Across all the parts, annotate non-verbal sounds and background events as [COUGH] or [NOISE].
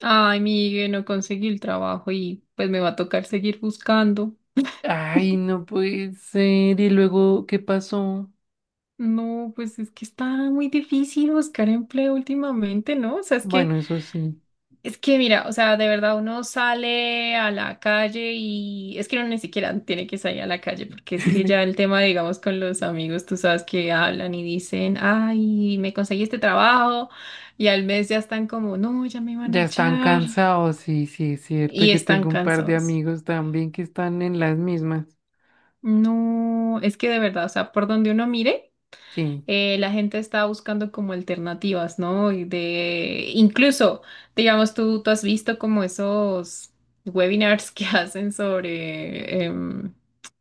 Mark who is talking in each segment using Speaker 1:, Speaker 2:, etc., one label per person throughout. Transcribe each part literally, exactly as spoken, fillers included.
Speaker 1: Ay, Miguel, no conseguí el trabajo y pues me va a tocar seguir buscando.
Speaker 2: Ay, no puede ser. ¿Y luego qué pasó?
Speaker 1: No, pues es que está muy difícil buscar empleo últimamente, ¿no? O sea, es que,
Speaker 2: Bueno, eso sí.
Speaker 1: es que mira, o sea, de verdad uno sale a la calle y es que uno ni siquiera tiene que salir a la calle porque es que ya el
Speaker 2: [LAUGHS]
Speaker 1: tema, digamos, con los amigos, tú sabes que hablan y dicen, ay, me conseguí este trabajo y al mes ya están como, no, ya me van a
Speaker 2: Ya están
Speaker 1: echar
Speaker 2: cansados, sí, sí, es cierto.
Speaker 1: y
Speaker 2: Yo
Speaker 1: están
Speaker 2: tengo un par de
Speaker 1: cansados.
Speaker 2: amigos también que están en las mismas.
Speaker 1: No, es que de verdad, o sea, por donde uno mire.
Speaker 2: Sí.
Speaker 1: Eh, la gente está buscando como alternativas, ¿no? Y de, incluso, digamos, tú, tú has visto como esos webinars que [LAUGHS] hacen sobre em,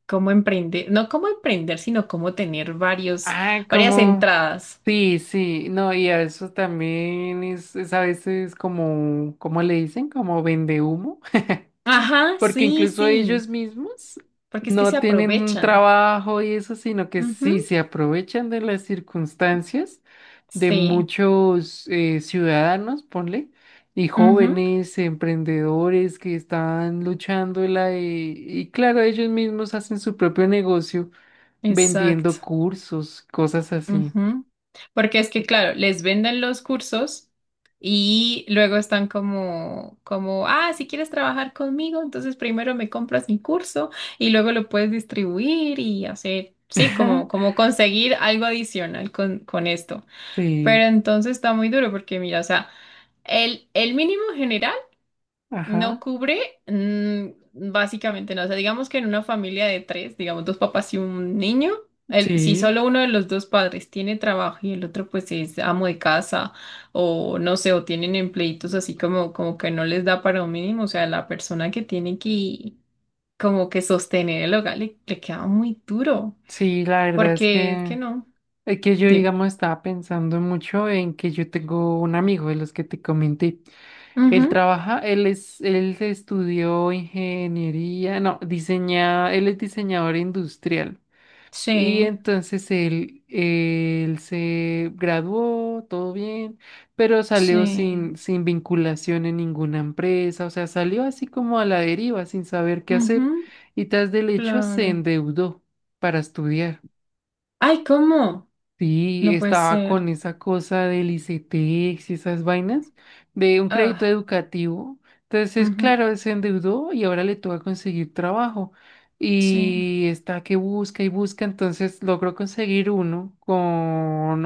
Speaker 1: cómo emprender, no cómo emprender, sino cómo tener varios,
Speaker 2: Ah,
Speaker 1: varias
Speaker 2: como.
Speaker 1: entradas.
Speaker 2: Sí, sí. No, y a eso también es, es a veces como, ¿cómo le dicen? Como vende humo. [LAUGHS]
Speaker 1: Ajá,
Speaker 2: Porque
Speaker 1: sí,
Speaker 2: incluso
Speaker 1: sí,
Speaker 2: ellos mismos
Speaker 1: porque es que se
Speaker 2: no tienen un
Speaker 1: aprovechan.
Speaker 2: trabajo y eso, sino que sí
Speaker 1: Ujú,
Speaker 2: se aprovechan de las circunstancias de
Speaker 1: sí,
Speaker 2: muchos eh, ciudadanos, ponle, y
Speaker 1: ujú,
Speaker 2: jóvenes, emprendedores que están luchando en la, y, y claro, ellos mismos hacen su propio negocio vendiendo
Speaker 1: exacto.
Speaker 2: cursos, cosas así.
Speaker 1: Ujú. Porque es que, claro, les venden los cursos y luego están como, como, ah, si quieres trabajar conmigo, entonces primero me compras mi curso y luego lo puedes distribuir y hacer, sí, como,
Speaker 2: [LAUGHS]
Speaker 1: como conseguir algo adicional con, con esto. Pero
Speaker 2: Sí,
Speaker 1: entonces está muy duro porque, mira, o sea, el, el mínimo general. No
Speaker 2: ajá,
Speaker 1: cubre, mm, básicamente no. O sea, digamos que en una familia de tres, digamos dos papás y un niño, el- si
Speaker 2: sí,
Speaker 1: solo uno de los dos padres tiene trabajo y el otro pues es amo de casa o no sé, o tienen empleitos así como, como que no les da para un mínimo, o sea, la persona que tiene que como que sostener el hogar le, le queda muy duro,
Speaker 2: sí, la verdad es
Speaker 1: porque es que
Speaker 2: que...
Speaker 1: no.
Speaker 2: Es que yo,
Speaker 1: De.
Speaker 2: digamos, estaba pensando mucho en que yo tengo un amigo de los que te comenté.
Speaker 1: Ujú,
Speaker 2: Él trabaja, él es, él estudió ingeniería, no, diseña, él es diseñador industrial. Y
Speaker 1: sí,
Speaker 2: entonces él, él se graduó, todo bien, pero salió
Speaker 1: sí,
Speaker 2: sin, sin vinculación en ninguna empresa, o sea, salió así como a la deriva, sin saber qué hacer,
Speaker 1: ujú,
Speaker 2: y tras del hecho se
Speaker 1: claro.
Speaker 2: endeudó para estudiar.
Speaker 1: Ay, ¿cómo?
Speaker 2: Sí,
Speaker 1: No puede
Speaker 2: estaba
Speaker 1: ser.
Speaker 2: con esa cosa del I C E T E X y esas vainas de un crédito
Speaker 1: Ah.
Speaker 2: educativo. Entonces,
Speaker 1: Ujú,
Speaker 2: claro, se endeudó y ahora le toca conseguir trabajo.
Speaker 1: sí.
Speaker 2: Y está que busca y busca. Entonces logró conseguir uno con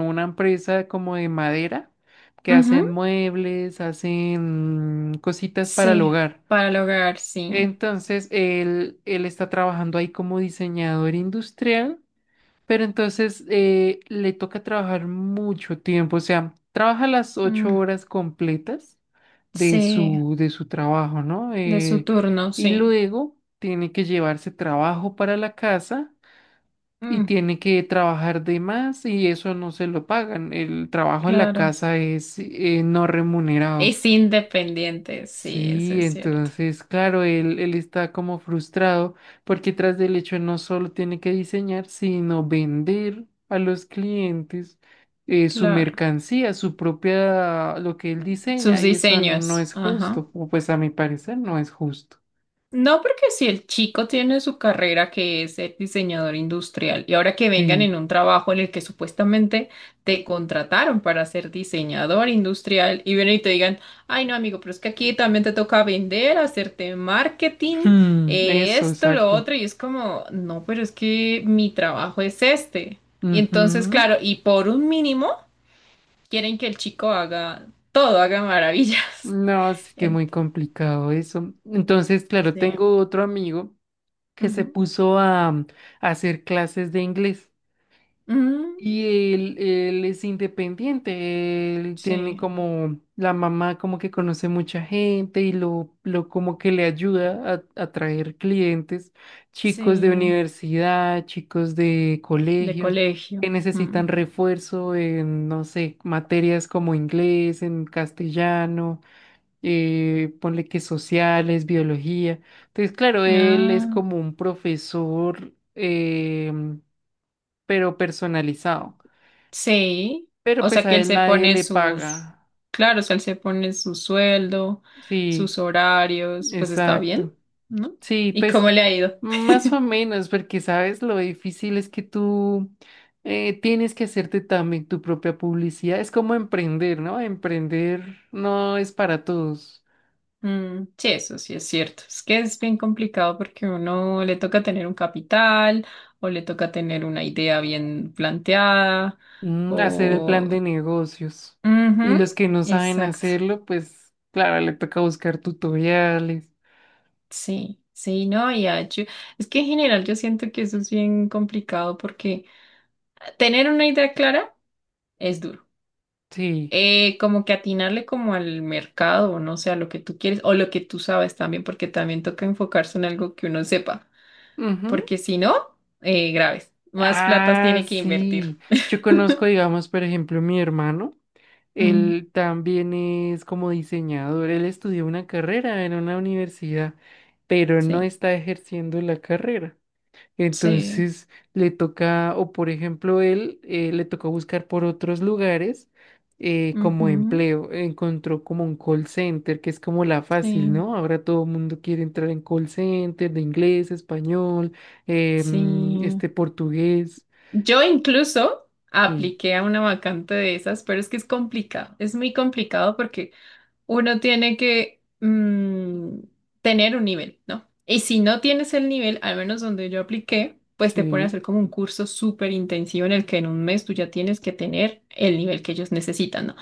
Speaker 2: una empresa como de madera que
Speaker 1: Ujú,
Speaker 2: hacen muebles, hacen cositas para el
Speaker 1: sí.
Speaker 2: hogar.
Speaker 1: Para el hogar, sí.
Speaker 2: Entonces, él, él está trabajando ahí como diseñador industrial. Pero entonces eh, le toca trabajar mucho tiempo, o sea, trabaja las ocho
Speaker 1: Mm,
Speaker 2: horas completas de
Speaker 1: sí.
Speaker 2: su, de su trabajo, ¿no?
Speaker 1: De su
Speaker 2: Eh,
Speaker 1: turno,
Speaker 2: y
Speaker 1: sí.
Speaker 2: luego tiene que llevarse trabajo para la casa y
Speaker 1: Mm,
Speaker 2: tiene que trabajar de más y eso no se lo pagan. El trabajo en la
Speaker 1: claro.
Speaker 2: casa es eh, no remunerado.
Speaker 1: Es independiente, sí, eso
Speaker 2: Sí,
Speaker 1: es cierto.
Speaker 2: entonces, claro, él, él está como frustrado porque tras del hecho no solo tiene que diseñar, sino vender a los clientes eh, su
Speaker 1: Claro.
Speaker 2: mercancía, su propia, lo que él
Speaker 1: Sus
Speaker 2: diseña, y eso no
Speaker 1: diseños.
Speaker 2: es
Speaker 1: Ajá.
Speaker 2: justo, o pues a mi parecer no es justo.
Speaker 1: No, porque si el chico tiene su carrera que es el diseñador industrial y ahora que vengan
Speaker 2: Sí,
Speaker 1: en un trabajo en el que supuestamente te contrataron para ser diseñador industrial y vienen y te digan, ay no amigo, pero es que aquí también te toca vender, hacerte marketing,
Speaker 2: hmm,
Speaker 1: eh,
Speaker 2: eso,
Speaker 1: esto, lo
Speaker 2: exacto.
Speaker 1: otro, y es como, no, pero es que mi trabajo es este. Y entonces,
Speaker 2: Ujú.
Speaker 1: claro, y por un mínimo quieren que el chico haga todo, haga maravillas.
Speaker 2: No, es
Speaker 1: [LAUGHS]
Speaker 2: que
Speaker 1: Ent-
Speaker 2: muy complicado eso. Entonces, claro,
Speaker 1: sí.
Speaker 2: tengo otro amigo que se
Speaker 1: Ujú.
Speaker 2: puso a a hacer clases de inglés.
Speaker 1: Ujú.
Speaker 2: Y él, él es independiente, él tiene
Speaker 1: Sí.
Speaker 2: como la mamá como que conoce mucha gente y lo, lo como que le ayuda a a traer clientes, chicos de
Speaker 1: Sí,
Speaker 2: universidad, chicos de
Speaker 1: de
Speaker 2: colegios
Speaker 1: colegio.
Speaker 2: que
Speaker 1: Mm.
Speaker 2: necesitan refuerzo en, no sé, materias como inglés, en castellano, eh, ponle que sociales, biología. Entonces, claro, él es
Speaker 1: Ah,
Speaker 2: como un profesor, em, pero personalizado.
Speaker 1: sí. O
Speaker 2: Pero pues
Speaker 1: sea que
Speaker 2: a
Speaker 1: él
Speaker 2: él
Speaker 1: se
Speaker 2: nadie
Speaker 1: pone
Speaker 2: le
Speaker 1: sus,
Speaker 2: paga.
Speaker 1: claro, o sea, él se pone su sueldo, sus
Speaker 2: Sí,
Speaker 1: horarios, pues está bien,
Speaker 2: exacto.
Speaker 1: ¿no?
Speaker 2: Sí,
Speaker 1: ¿Y
Speaker 2: pues
Speaker 1: cómo le ha ido?
Speaker 2: más o menos, porque sabes lo difícil es que tú eh, tienes que hacerte también tu propia publicidad. Es como emprender, ¿no? Emprender no es para todos.
Speaker 1: Mm, sí, eso sí es cierto. Es que es bien complicado porque uno le toca tener un capital o le toca tener una idea bien planteada
Speaker 2: Mm, hacer el
Speaker 1: o...
Speaker 2: plan de negocios.
Speaker 1: Ujú,
Speaker 2: Y los que no saben
Speaker 1: exacto.
Speaker 2: hacerlo, pues claro, le toca buscar tutoriales.
Speaker 1: Sí, sí, no, y ah, yo- es que en general yo siento que eso es bien complicado porque tener una idea clara es duro.
Speaker 2: Sí.
Speaker 1: Eh, como que atinarle como al mercado, o no sé, a lo que tú quieres o lo que tú sabes también, porque también toca enfocarse en algo que uno sepa,
Speaker 2: Ujú.
Speaker 1: porque si no, eh, graves, más platas
Speaker 2: Ah,
Speaker 1: tiene que invertir.
Speaker 2: sí. Yo conozco,
Speaker 1: [LAUGHS]
Speaker 2: digamos, por ejemplo, mi hermano.
Speaker 1: Mm,
Speaker 2: Él también es como diseñador. Él estudió una carrera en una universidad, pero no
Speaker 1: sí,
Speaker 2: está ejerciendo la carrera.
Speaker 1: sí,
Speaker 2: Entonces le toca, o por ejemplo, él eh, le tocó buscar por otros lugares eh, como
Speaker 1: ujú,
Speaker 2: empleo. Encontró como un call center, que es como la fácil,
Speaker 1: sí,
Speaker 2: ¿no? Ahora todo el mundo quiere entrar en call center de inglés, español, em,
Speaker 1: sí.
Speaker 2: este portugués.
Speaker 1: Yo incluso
Speaker 2: Sí,
Speaker 1: apliqué a una vacante de esas, pero es que es complicado, es muy complicado porque uno tiene que mm, tener un nivel, ¿no? Y si no tienes el nivel, al menos donde yo apliqué, pues te ponen a hacer
Speaker 2: sí.
Speaker 1: como un curso súper intensivo en el que en un mes tú ya tienes que tener el nivel que ellos necesitan, ¿no?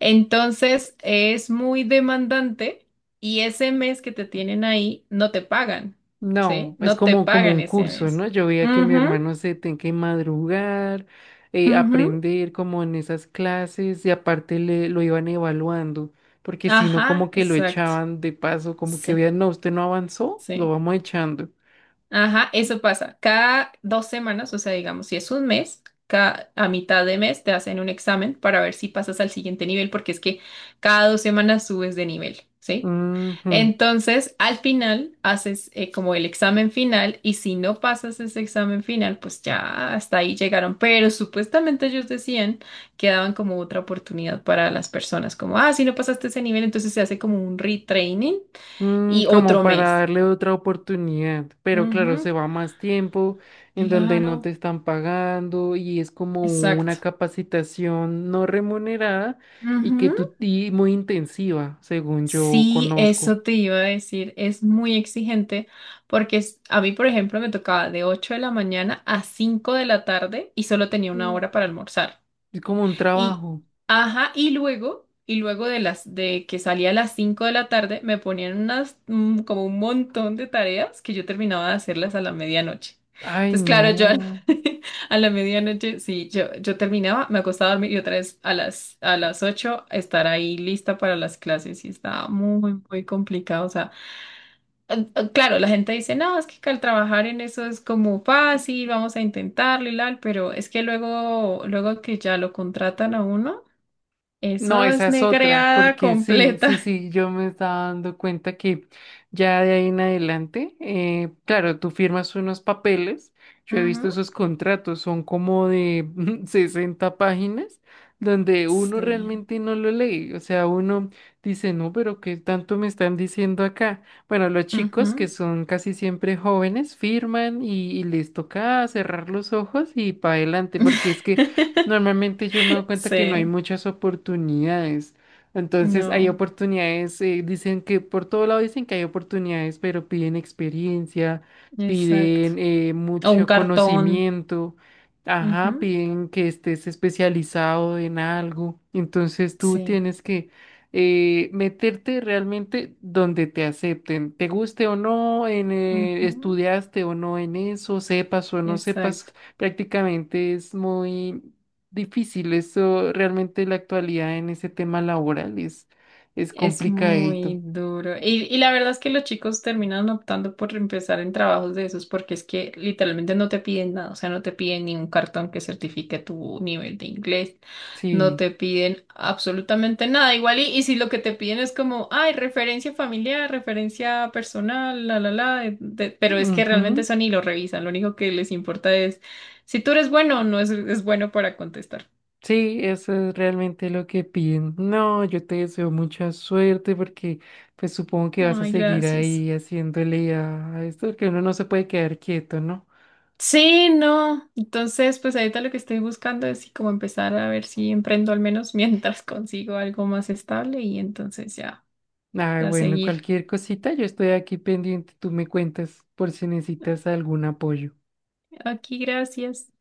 Speaker 1: Entonces es muy demandante y ese mes que te tienen ahí no te pagan, ¿sí?
Speaker 2: No, es
Speaker 1: No te
Speaker 2: como, como
Speaker 1: pagan
Speaker 2: un
Speaker 1: ese
Speaker 2: curso,
Speaker 1: mes.
Speaker 2: ¿no? Yo veía que mi
Speaker 1: Ujú,
Speaker 2: hermano se tenía que madrugar, eh,
Speaker 1: ujú.
Speaker 2: aprender como en esas clases y aparte le, lo iban evaluando, porque si no
Speaker 1: Ajá,
Speaker 2: como que lo
Speaker 1: exacto.
Speaker 2: echaban de paso, como que
Speaker 1: Sí,
Speaker 2: vean, no, usted no avanzó, lo
Speaker 1: sí.
Speaker 2: vamos echando.
Speaker 1: Ajá, eso pasa. Cada dos semanas, o sea, digamos, si es un mes, ca- a mitad de mes te hacen un examen para ver si pasas al siguiente nivel, porque es que cada dos semanas subes de nivel, ¿sí?
Speaker 2: Ujú.
Speaker 1: Entonces, al final, haces eh, como el examen final y si no pasas ese examen final, pues ya hasta ahí llegaron. Pero supuestamente ellos decían que daban como otra oportunidad para las personas, como, ah, si no pasaste ese nivel, entonces se hace como un retraining.
Speaker 2: Mm,
Speaker 1: Y
Speaker 2: como
Speaker 1: otro
Speaker 2: para
Speaker 1: mes.
Speaker 2: darle otra oportunidad, pero claro,
Speaker 1: Ujú,
Speaker 2: se va más tiempo en donde no
Speaker 1: claro,
Speaker 2: te están pagando y es como una
Speaker 1: exacto.
Speaker 2: capacitación no remunerada y que
Speaker 1: Ujú.
Speaker 2: tú y muy intensiva, según yo
Speaker 1: Sí,
Speaker 2: conozco.
Speaker 1: eso te iba a decir. Es muy exigente porque es- a mí, por ejemplo, me tocaba de ocho de la mañana a cinco de la tarde y solo tenía una
Speaker 2: Mm,
Speaker 1: hora para almorzar.
Speaker 2: es como un
Speaker 1: Y,
Speaker 2: trabajo.
Speaker 1: ajá, y luego, y luego de las, de que salía a las cinco de la tarde, me ponían unas, mm, como un montón de tareas que yo terminaba de hacerlas a la medianoche.
Speaker 2: Ay,
Speaker 1: Entonces, claro, yo a la,
Speaker 2: no.
Speaker 1: [LAUGHS] a la medianoche, sí, yo, yo terminaba, me acostaba a dormir y otra vez a las, a las, ocho estar ahí lista para las clases y estaba muy, muy complicado. O sea, eh, eh, claro, la gente dice, no, es que al trabajar en eso es como fácil, vamos a intentarlo y tal, pero es que luego, luego que ya lo contratan a uno.
Speaker 2: No,
Speaker 1: Eso
Speaker 2: esa
Speaker 1: es
Speaker 2: es otra,
Speaker 1: negreada
Speaker 2: porque sí, sí,
Speaker 1: completa.
Speaker 2: sí, yo me estaba dando cuenta que ya de ahí en adelante, eh, claro, tú firmas unos papeles, yo he visto
Speaker 1: Ujú.
Speaker 2: esos contratos, son como de [LAUGHS] sesenta páginas, donde uno
Speaker 1: Sí.
Speaker 2: realmente no lo lee, o sea, uno dice, no, pero ¿qué tanto me están diciendo acá? Bueno, los chicos que
Speaker 1: Ujú.
Speaker 2: son casi siempre jóvenes firman y, y les toca cerrar los ojos y para adelante, porque es que normalmente yo me doy
Speaker 1: [LAUGHS]
Speaker 2: cuenta que no hay
Speaker 1: Sí.
Speaker 2: muchas oportunidades. Entonces hay
Speaker 1: No.
Speaker 2: oportunidades, eh, dicen que por todo lado dicen que hay oportunidades, pero piden experiencia,
Speaker 1: Exacto.
Speaker 2: piden eh,
Speaker 1: O un
Speaker 2: mucho
Speaker 1: cartón.
Speaker 2: conocimiento,
Speaker 1: Ujú.
Speaker 2: ajá, piden que estés especializado en algo. Entonces tú
Speaker 1: Sí.
Speaker 2: tienes que eh, meterte realmente donde te acepten, te guste o no, en, eh,
Speaker 1: Ujú,
Speaker 2: estudiaste o no en eso, sepas o no
Speaker 1: exacto.
Speaker 2: sepas prácticamente es muy difícil. Eso realmente la actualidad en ese tema laboral es, es
Speaker 1: Es
Speaker 2: complicadito.
Speaker 1: muy duro. Y, y la verdad es que los chicos terminan optando por empezar en trabajos de esos porque es que literalmente no te piden nada, o sea, no te piden ni un cartón que certifique tu nivel de inglés, no
Speaker 2: Sí.
Speaker 1: te piden absolutamente nada. Igual y, y si lo que te piden es como, ay, referencia familiar, referencia personal, la, la, la, de- de- pero es que realmente
Speaker 2: Ujú,
Speaker 1: eso ni lo revisan, lo único que les importa es si tú eres bueno o no es, es bueno para contestar.
Speaker 2: sí, eso es realmente lo que piden. No, yo te deseo mucha suerte porque pues supongo que vas a
Speaker 1: Ay,
Speaker 2: seguir
Speaker 1: gracias.
Speaker 2: ahí haciéndole a a esto, porque uno no se puede quedar quieto, ¿no?
Speaker 1: Sí, no. Entonces, pues ahorita lo que estoy buscando es sí, como empezar a ver si emprendo al menos [LAUGHS] mientras consigo algo más estable y entonces ya,
Speaker 2: Ah,
Speaker 1: ya
Speaker 2: bueno,
Speaker 1: seguir.
Speaker 2: cualquier cosita, yo estoy aquí pendiente, tú me cuentas por si necesitas algún apoyo.
Speaker 1: Aquí, gracias.